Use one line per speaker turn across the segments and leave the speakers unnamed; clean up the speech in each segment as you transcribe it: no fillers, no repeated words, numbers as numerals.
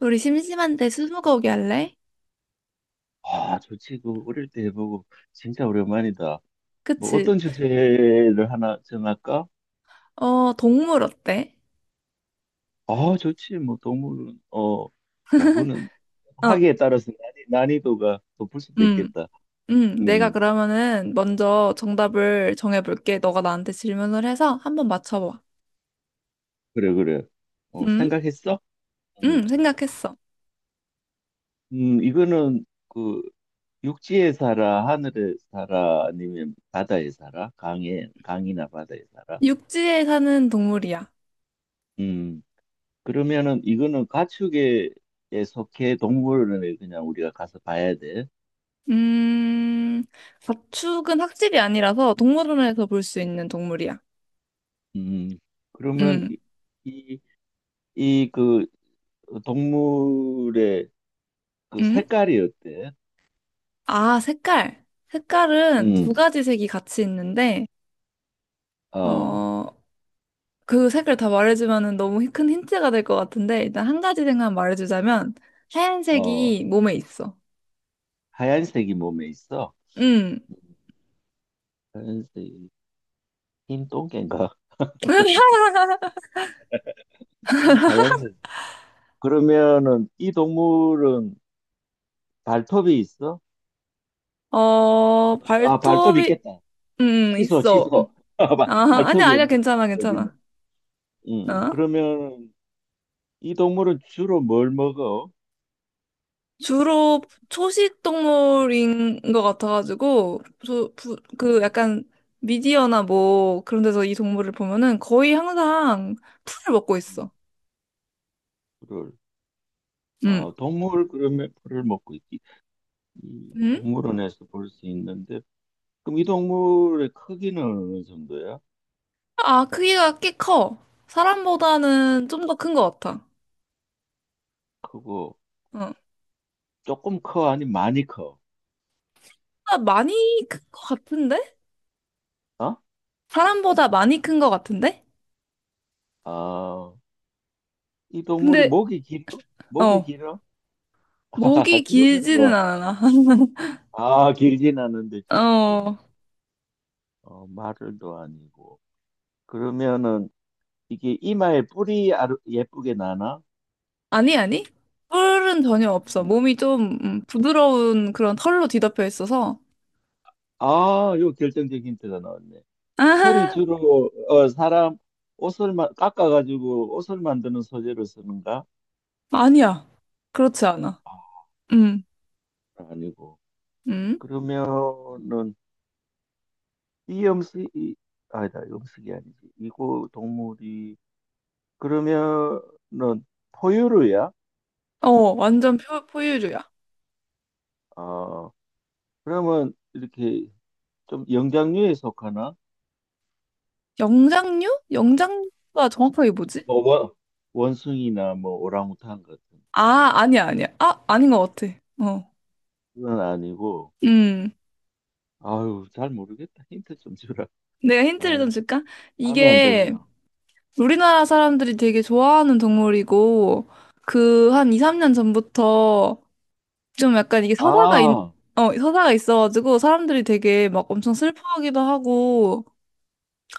우리 심심한데 스무고기 할래?
아, 저 친구 어릴 때 해 보고 진짜 오랜만이다. 뭐
그치?
어떤 주제를 하나 정할까?
어, 동물 어때?
아, 좋지. 뭐 동물은 야구는
어.
하기에 따라서 난이도가 높을 수도
음.
있겠다. 음,
음. 내가
음.
그러면은 먼저 정답을 정해볼게. 너가 나한테 질문을 해서 한번 맞춰봐.
그래 그래.
음,
생각했어? 음,
생각했어.
이거는 그 육지에 살아, 하늘에 살아, 아니면 바다에 살아? 강에 강이나 바다에 살아?
육지에 사는 동물이야.
음, 그러면은 이거는 가축에 속해 동물원에 그냥 우리가 가서 봐야 돼.
음, 가축은 학질이 아니라서 동물원에서 볼 수 있는 동물이야.
음, 그러면
음.
이, 이 그 동물의 그
음.
색깔이 어때?
아, 색깔. 색깔은 두
음,
가지 색이 같이 있는데,
어,
어, 그 색깔 다 말해주면은 너무 큰 힌트가 될 것 같은데 일단 한 가지 생각 말해주자면
어,
하얀색이 몸에 있어.
하얀색이 몸에 있어?
응.
하얀색이 흰 똥개인가? 하얀색. 그러면은 이 동물은 발톱이 있어? 아, 발톱
발톱이
있겠다.
응
취소,
있어.
취소. 아,
아, 아니야,
발톱이
아니야,
없는
괜찮아,
거거든요.
괜찮아. 어?
그러면 이 동물은 주로 뭘 먹어?
주로 초식 동물인 것 같아가지고 그
음,
약간 미디어나 뭐 그런 데서 이 동물을 보면은 거의 항상 풀을 먹고
음,
있어.
주
응.
아, 동물 그러면 풀을 먹고 있지. 이
응?
동물원에서 볼 수 있는데 그럼 이 동물의 크기는 어느 정도야?
아, 크기가 꽤 커. 사람보다는 좀 더 큰 것 같아.
크고
어.
조금 커 아니 많이 커?
아, 많이 큰 것 같은데?
어?
사람보다 많이 큰 것 같은데?
아, 이 동물이
근데,
목이 길어? 목이
어,
길어?
목이
그러면
길지는
뭐?
않아.
아, 길진 않은데 조식 동물.
어,
마를도 아니고. 그러면은 이게 이마에 뿔이 예쁘게 나나?
아니, 아니. 뿔은 전혀 없어.
음.
몸이 좀 부드러운 그런 털로 뒤덮여 있어서.
아, 요 결정적인 힌트가 나왔네. 털이 주로 사람 옷을 깎아가지고 옷을 만드는 소재로 쓰는가?
아, 아니야. 그렇지 않아.
아,
음.
아니고.
음.
그러면은 이 음식, 이, 아니다, 음식이 아니지. 이고 동물이, 그러면은 포유류야?
완전 포유류야.
아, 그러면 이렇게 좀 영장류에 속하나?
영장류? 영장류가 정확하게 뭐지?
뭐, 원숭이나 뭐 오랑우탄 같은
아, 아니야, 아니야. 아, 아닌 것 같아. 어.
그건 아니고,
음.
아유, 잘 모르겠다. 힌트 좀 주라.
내가 힌트를
아유,
좀 줄까?
감이 안
이게
잡히나.
우리나라 사람들이 되게 좋아하는 동물이고, 그 한 2, 3년 전부터 좀 약간 이게
아,
서사가 있어가지고 사람들이 되게 막 엄청 슬퍼하기도 하고,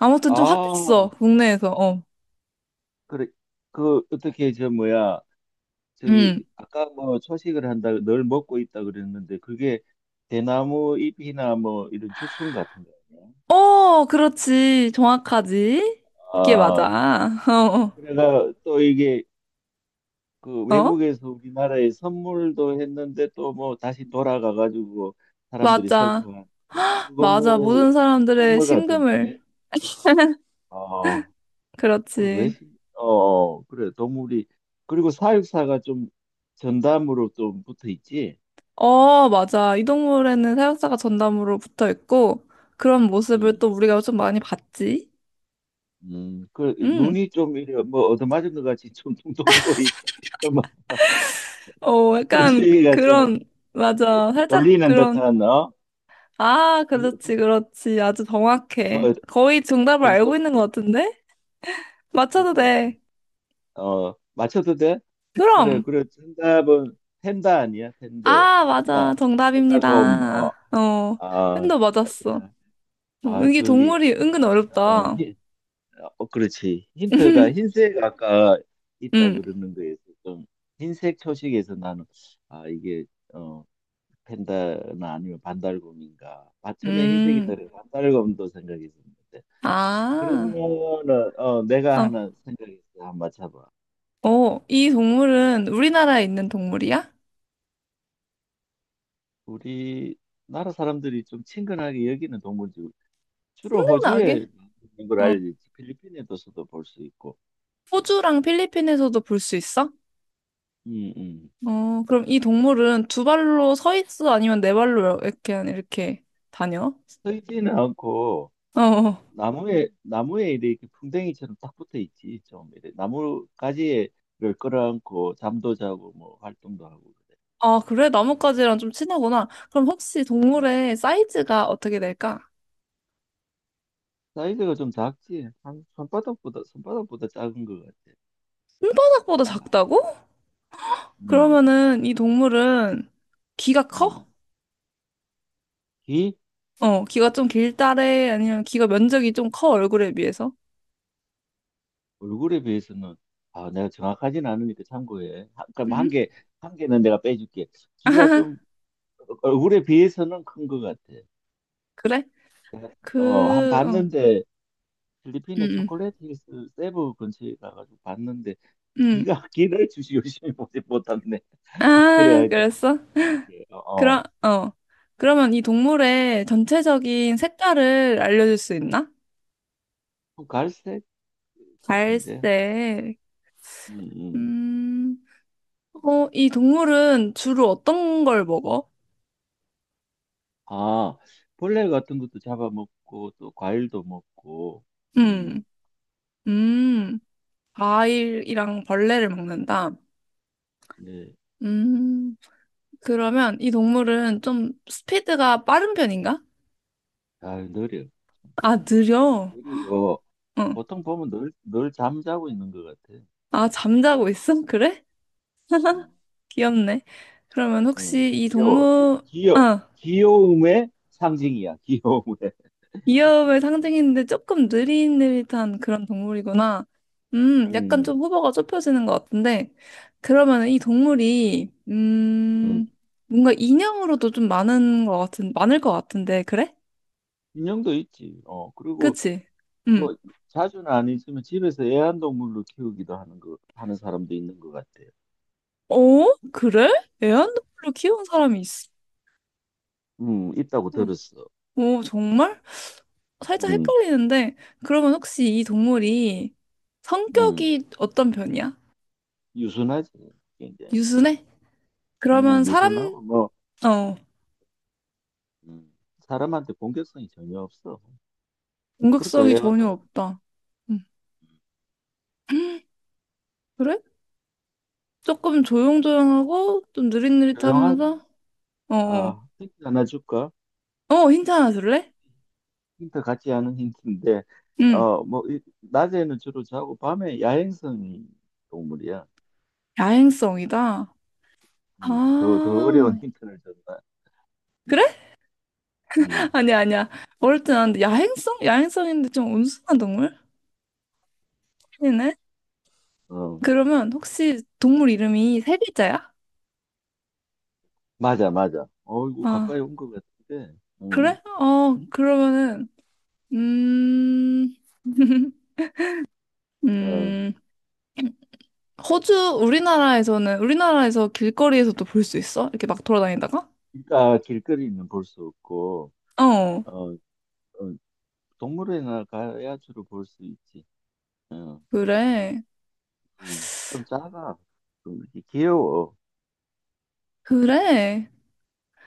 아무튼 좀 핫했어,
아,
국내에서. 어.
그래. 그, 어떻게, 저, 뭐야. 저기
음.
아까 뭐 초식을 한다 늘 먹고 있다 그랬는데 그게 대나무 잎이나 뭐 이런 죽순 같은 거 아니야?
어, 그렇지. 정확하지. 그게
아,
맞아. 어.
그래가 또 이게 그
어. 어?
외국에서 우리나라에 선물도 했는데 또 뭐 다시 돌아가 가지고 사람들이
맞아.
슬퍼한 그거
맞아.
뭐
모든 사람들의
동물 같은데
심금을.
어, 그왜
그렇지.
어 그래 동물이 그리고 사육사가 좀 전담으로 좀 붙어 있지
어, 맞아. 이 동물에는 사육사가 전담으로 붙어 있고, 그런 모습을 또 우리가 좀 많이 봤지.
그
응.
눈이 좀 이래 뭐 얻어맞은 것 같이 좀 퉁퉁 부어 있다. 뭐
약간
눈시가 좀
그런, 맞아. 살짝
졸리는
그런,
듯한
아, 그렇지,
덩-
그렇지. 아주 정확해.
덩-
거의 정답을 알고
덩석
있는 것 같은데? 맞춰도
그래.
돼.
맞춰도 돼? 그래
그럼.
그래 정답은 텐다 아니야? 텐더
아, 맞아.
텐다 텐다곰
정답입니다. 어,
어아아
팬도 맞았어. 이게
거기
동물이 은근
어,
어렵다.
히- 그렇지 힌트가 흰색 아까 있다
음.
그러는 거에서 좀 흰색 초식에서 나는 아 이게 어, 펜다나 아니면 반달곰인가. 아, 처음에 흰색이
음.
떠오르 반달곰도 생각했었는데.
아.
그러면은 내가
어.
하나 생각했어. 한번 맞춰봐.
이 동물은 우리나라에 있는 동물이야?
우리 나라 사람들이 좀 친근하게 여기는 동물들 주로
생각나게?
호주에 있는 걸
어,
알지. 필리핀에도서도 볼 수 있고.
호주랑 필리핀에서도 볼 수 있어?
음, 음.
그럼 이 동물은 두 발로 서 있어? 아니면 네 발로 이렇게, 이렇게 다녀?
서 있지는 않고
어. 어.
나무에 이렇게 풍뎅이처럼 딱 붙어 있지. 좀 이래. 나무 가지를 끌어안고 잠도 자고 뭐 활동도 하고
아, 그래? 나뭇가지랑 좀 친하구나. 그럼 혹시
그래.
동물의 사이즈가 어떻게 될까?
사이즈가 좀 작지? 한 손바닥보다 작은 것 같아.
손바닥보다
작아.
작다고?
음,
그러면은 이 동물은 귀가
음.
커?
귀?
귀가 좀 길다래? 아니면 귀가 면적이 좀 커, 얼굴에 비해서?
얼굴에 비해서는, 아, 내가 정확하진 않으니까 참고해. 그럼
응?
한 개는 내가 빼줄게. 귀가 좀, 얼굴에 비해서는 큰 것 같아.
그래?
한
그, 어,
봤는데,
응,
필리핀의
응,
초콜릿 힐스 세부 근처에 가가지고 봤는데, 귀가, 귀를 주시 열심히 보지 못했네.
응.
그래,
아,
하여튼.
그랬어?
예, 어, 어.
그럼, 어. 그러면 이 동물의 전체적인 색깔을 알려줄 수 있나?
좀 갈색 같은데?
갈색.
음, 음.
음, 이 동물은 주로 어떤 걸 먹어?
아, 벌레 같은 것도 잡아먹고, 또 과일도 먹고, 음,
음, 음, 과일이랑 벌레를 먹는다.
네.
음, 그러면 이 동물은 좀 스피드가 빠른 편인가?
아, 느려.
아,
음.
느려.
그리고
어.
보통 보면 늘 잠자고 있는 것 같아.
아, 잠자고 있어? 그래?
음,
귀엽네. 그러면 혹시 이
귀여워.
동물, 아,
귀여움의 상징이야, 귀여움의.
귀여움을 상징했는데 조금 느릿느릿한 그런 동물이구나. 약간
음,
좀 후보가 좁혀지는 것 같은데. 그러면 이 동물이,
음.
뭔가 인형으로도 좀 많은 것 같은, 많을 것 같은데, 그래?
인형도 있지. 그리고
그치? 음.
뭐, 자주는 아니지만 집에서 애완동물로 키우기도 하는 사람도 있는 것 같아. 요
어? 그래? 애완동물로 키운 사람이 있어?
있다고 들었어.
오, 정말? 살짝
음,
헷갈리는데, 그러면 혹시 이 동물이
음.
성격이 어떤 편이야?
유순하지, 굉장히.
유순해? 그러면 사람,
유순하고, 뭐,
어,
음, 사람한테 공격성이 전혀 없어. 그러니까
공격성이 전혀
애완동
없다. 음. 그래? 조금 조용조용하고 좀
조용하고,
느릿느릿하면서 어, 어,
아, 힌트 하나 줄까?
힌트 하나 줄래?
힌트 같지 않은 힌트인데,
응,
뭐, 낮에는 주로 자고, 밤에 야행성이 동물이야.
야행성이다.
더 어려운
아,
힌트를 줬다.
그래?
음,
아니야, 아니야. 어릴 때 나는데 야행성? 야행성인데 좀 온순한 동물? 아니네.
어,
그러면 혹시 동물 이름이 세 글자야?
맞아, 맞아. 어이구, 가까이
아,
온 것 같은데,
그래? 그러면은 음,
어,
음, 호주, 우리나라에서 길거리에서도 볼 수 있어? 이렇게 막 돌아다니다가?
그러니까 길거리는 볼 수 없고,
어,
어, 어, 동물원이나 가야 주로 볼 수 있지.
그래.
좀 작아. 좀 이렇게 귀여워.
그래.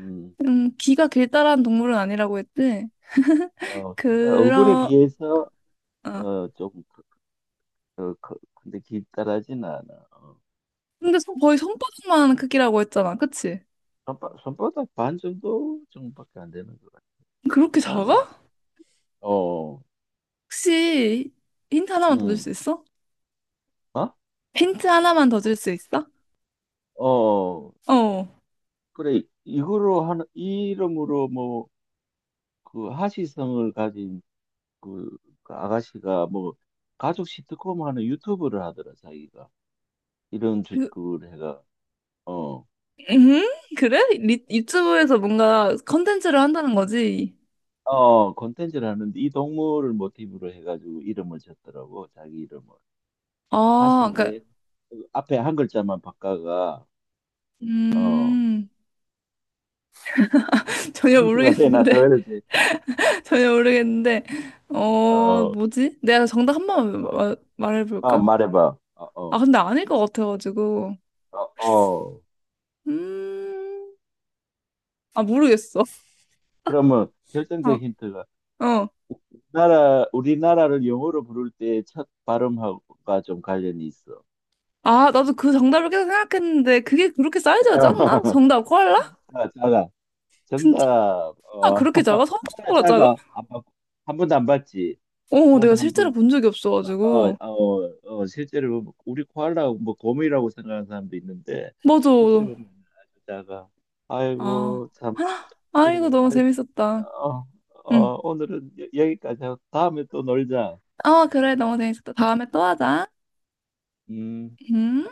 음,
귀가 길다란 동물은 아니라고 했지.
걔가 얼굴에
그러,
비해서,
어.
좀, 근데 길다라진 않아. 어.
근데 거의 손바닥만 크기라고 했잖아. 그치?
손바닥 반 정도밖에 안 되는 것 같아.
그렇게 작아?
작아. 어,
혹시 힌트 하나만 더 줄
음,
수 있어?
어?
힌트 하나만 더 줄
뭐,
수 있어?
어,
어.
그래. 이 이름으로 뭐, 그 하시성을 가진 그, 그 아가씨가 뭐, 가족 시트콤 하는 유튜브를 하더라, 자기가. 이런
그,
그걸 해가. 어.
음? 그래? 유튜브에서 뭔가 컨텐츠를 한다는 거지?
콘텐츠를 하는데 이 동물을 모티브로 해가지고 이름을 졌더라고, 자기 이름을.
아, 그니까,
하신데 그 앞에 한 글자만 바꿔가, 어,
음, 전혀
힌트가 되나 더
모르겠는데.
해야지.
전혀 모르겠는데,
어,
뭐지? 내가 정답 한 번만
어, 아,
말해볼까?
말해봐. 어,
아,
어,
근데 아닐 것 같아가지고.
어, 어.
음, 아, 모르겠어.
그러면 결정적
어.
힌트가
어.
나라, 우리나라를 영어로 부를 때 첫 발음하고가 좀 관련이 있어.
아, 나도 그 정답을 계속 생각했는데, 그게 그렇게 사이즈가 작나? 정답, 코알라?
자, 자가.
진짜
정답. 어,
그렇게 작아?
하나
손바닥보다
작
작아?
안 봤- 한 번도 안 봤지. 보험에
내가 실제로
한번
본 적이 없어가지고.
실제로 보면 우리 코알라 뭐 곰이라고 생각하는 사람도 있는데
맞아.
실제 보면 아주 작아.
아,
아이고 참
아,
그래.
이거 너무
아이,
재밌었다.
어,
응.
어, 오늘은 여기까지 하고 다음에 또 놀자.
어, 그래, 너무 재밌었다. 다음에 또 하자.
음.
음.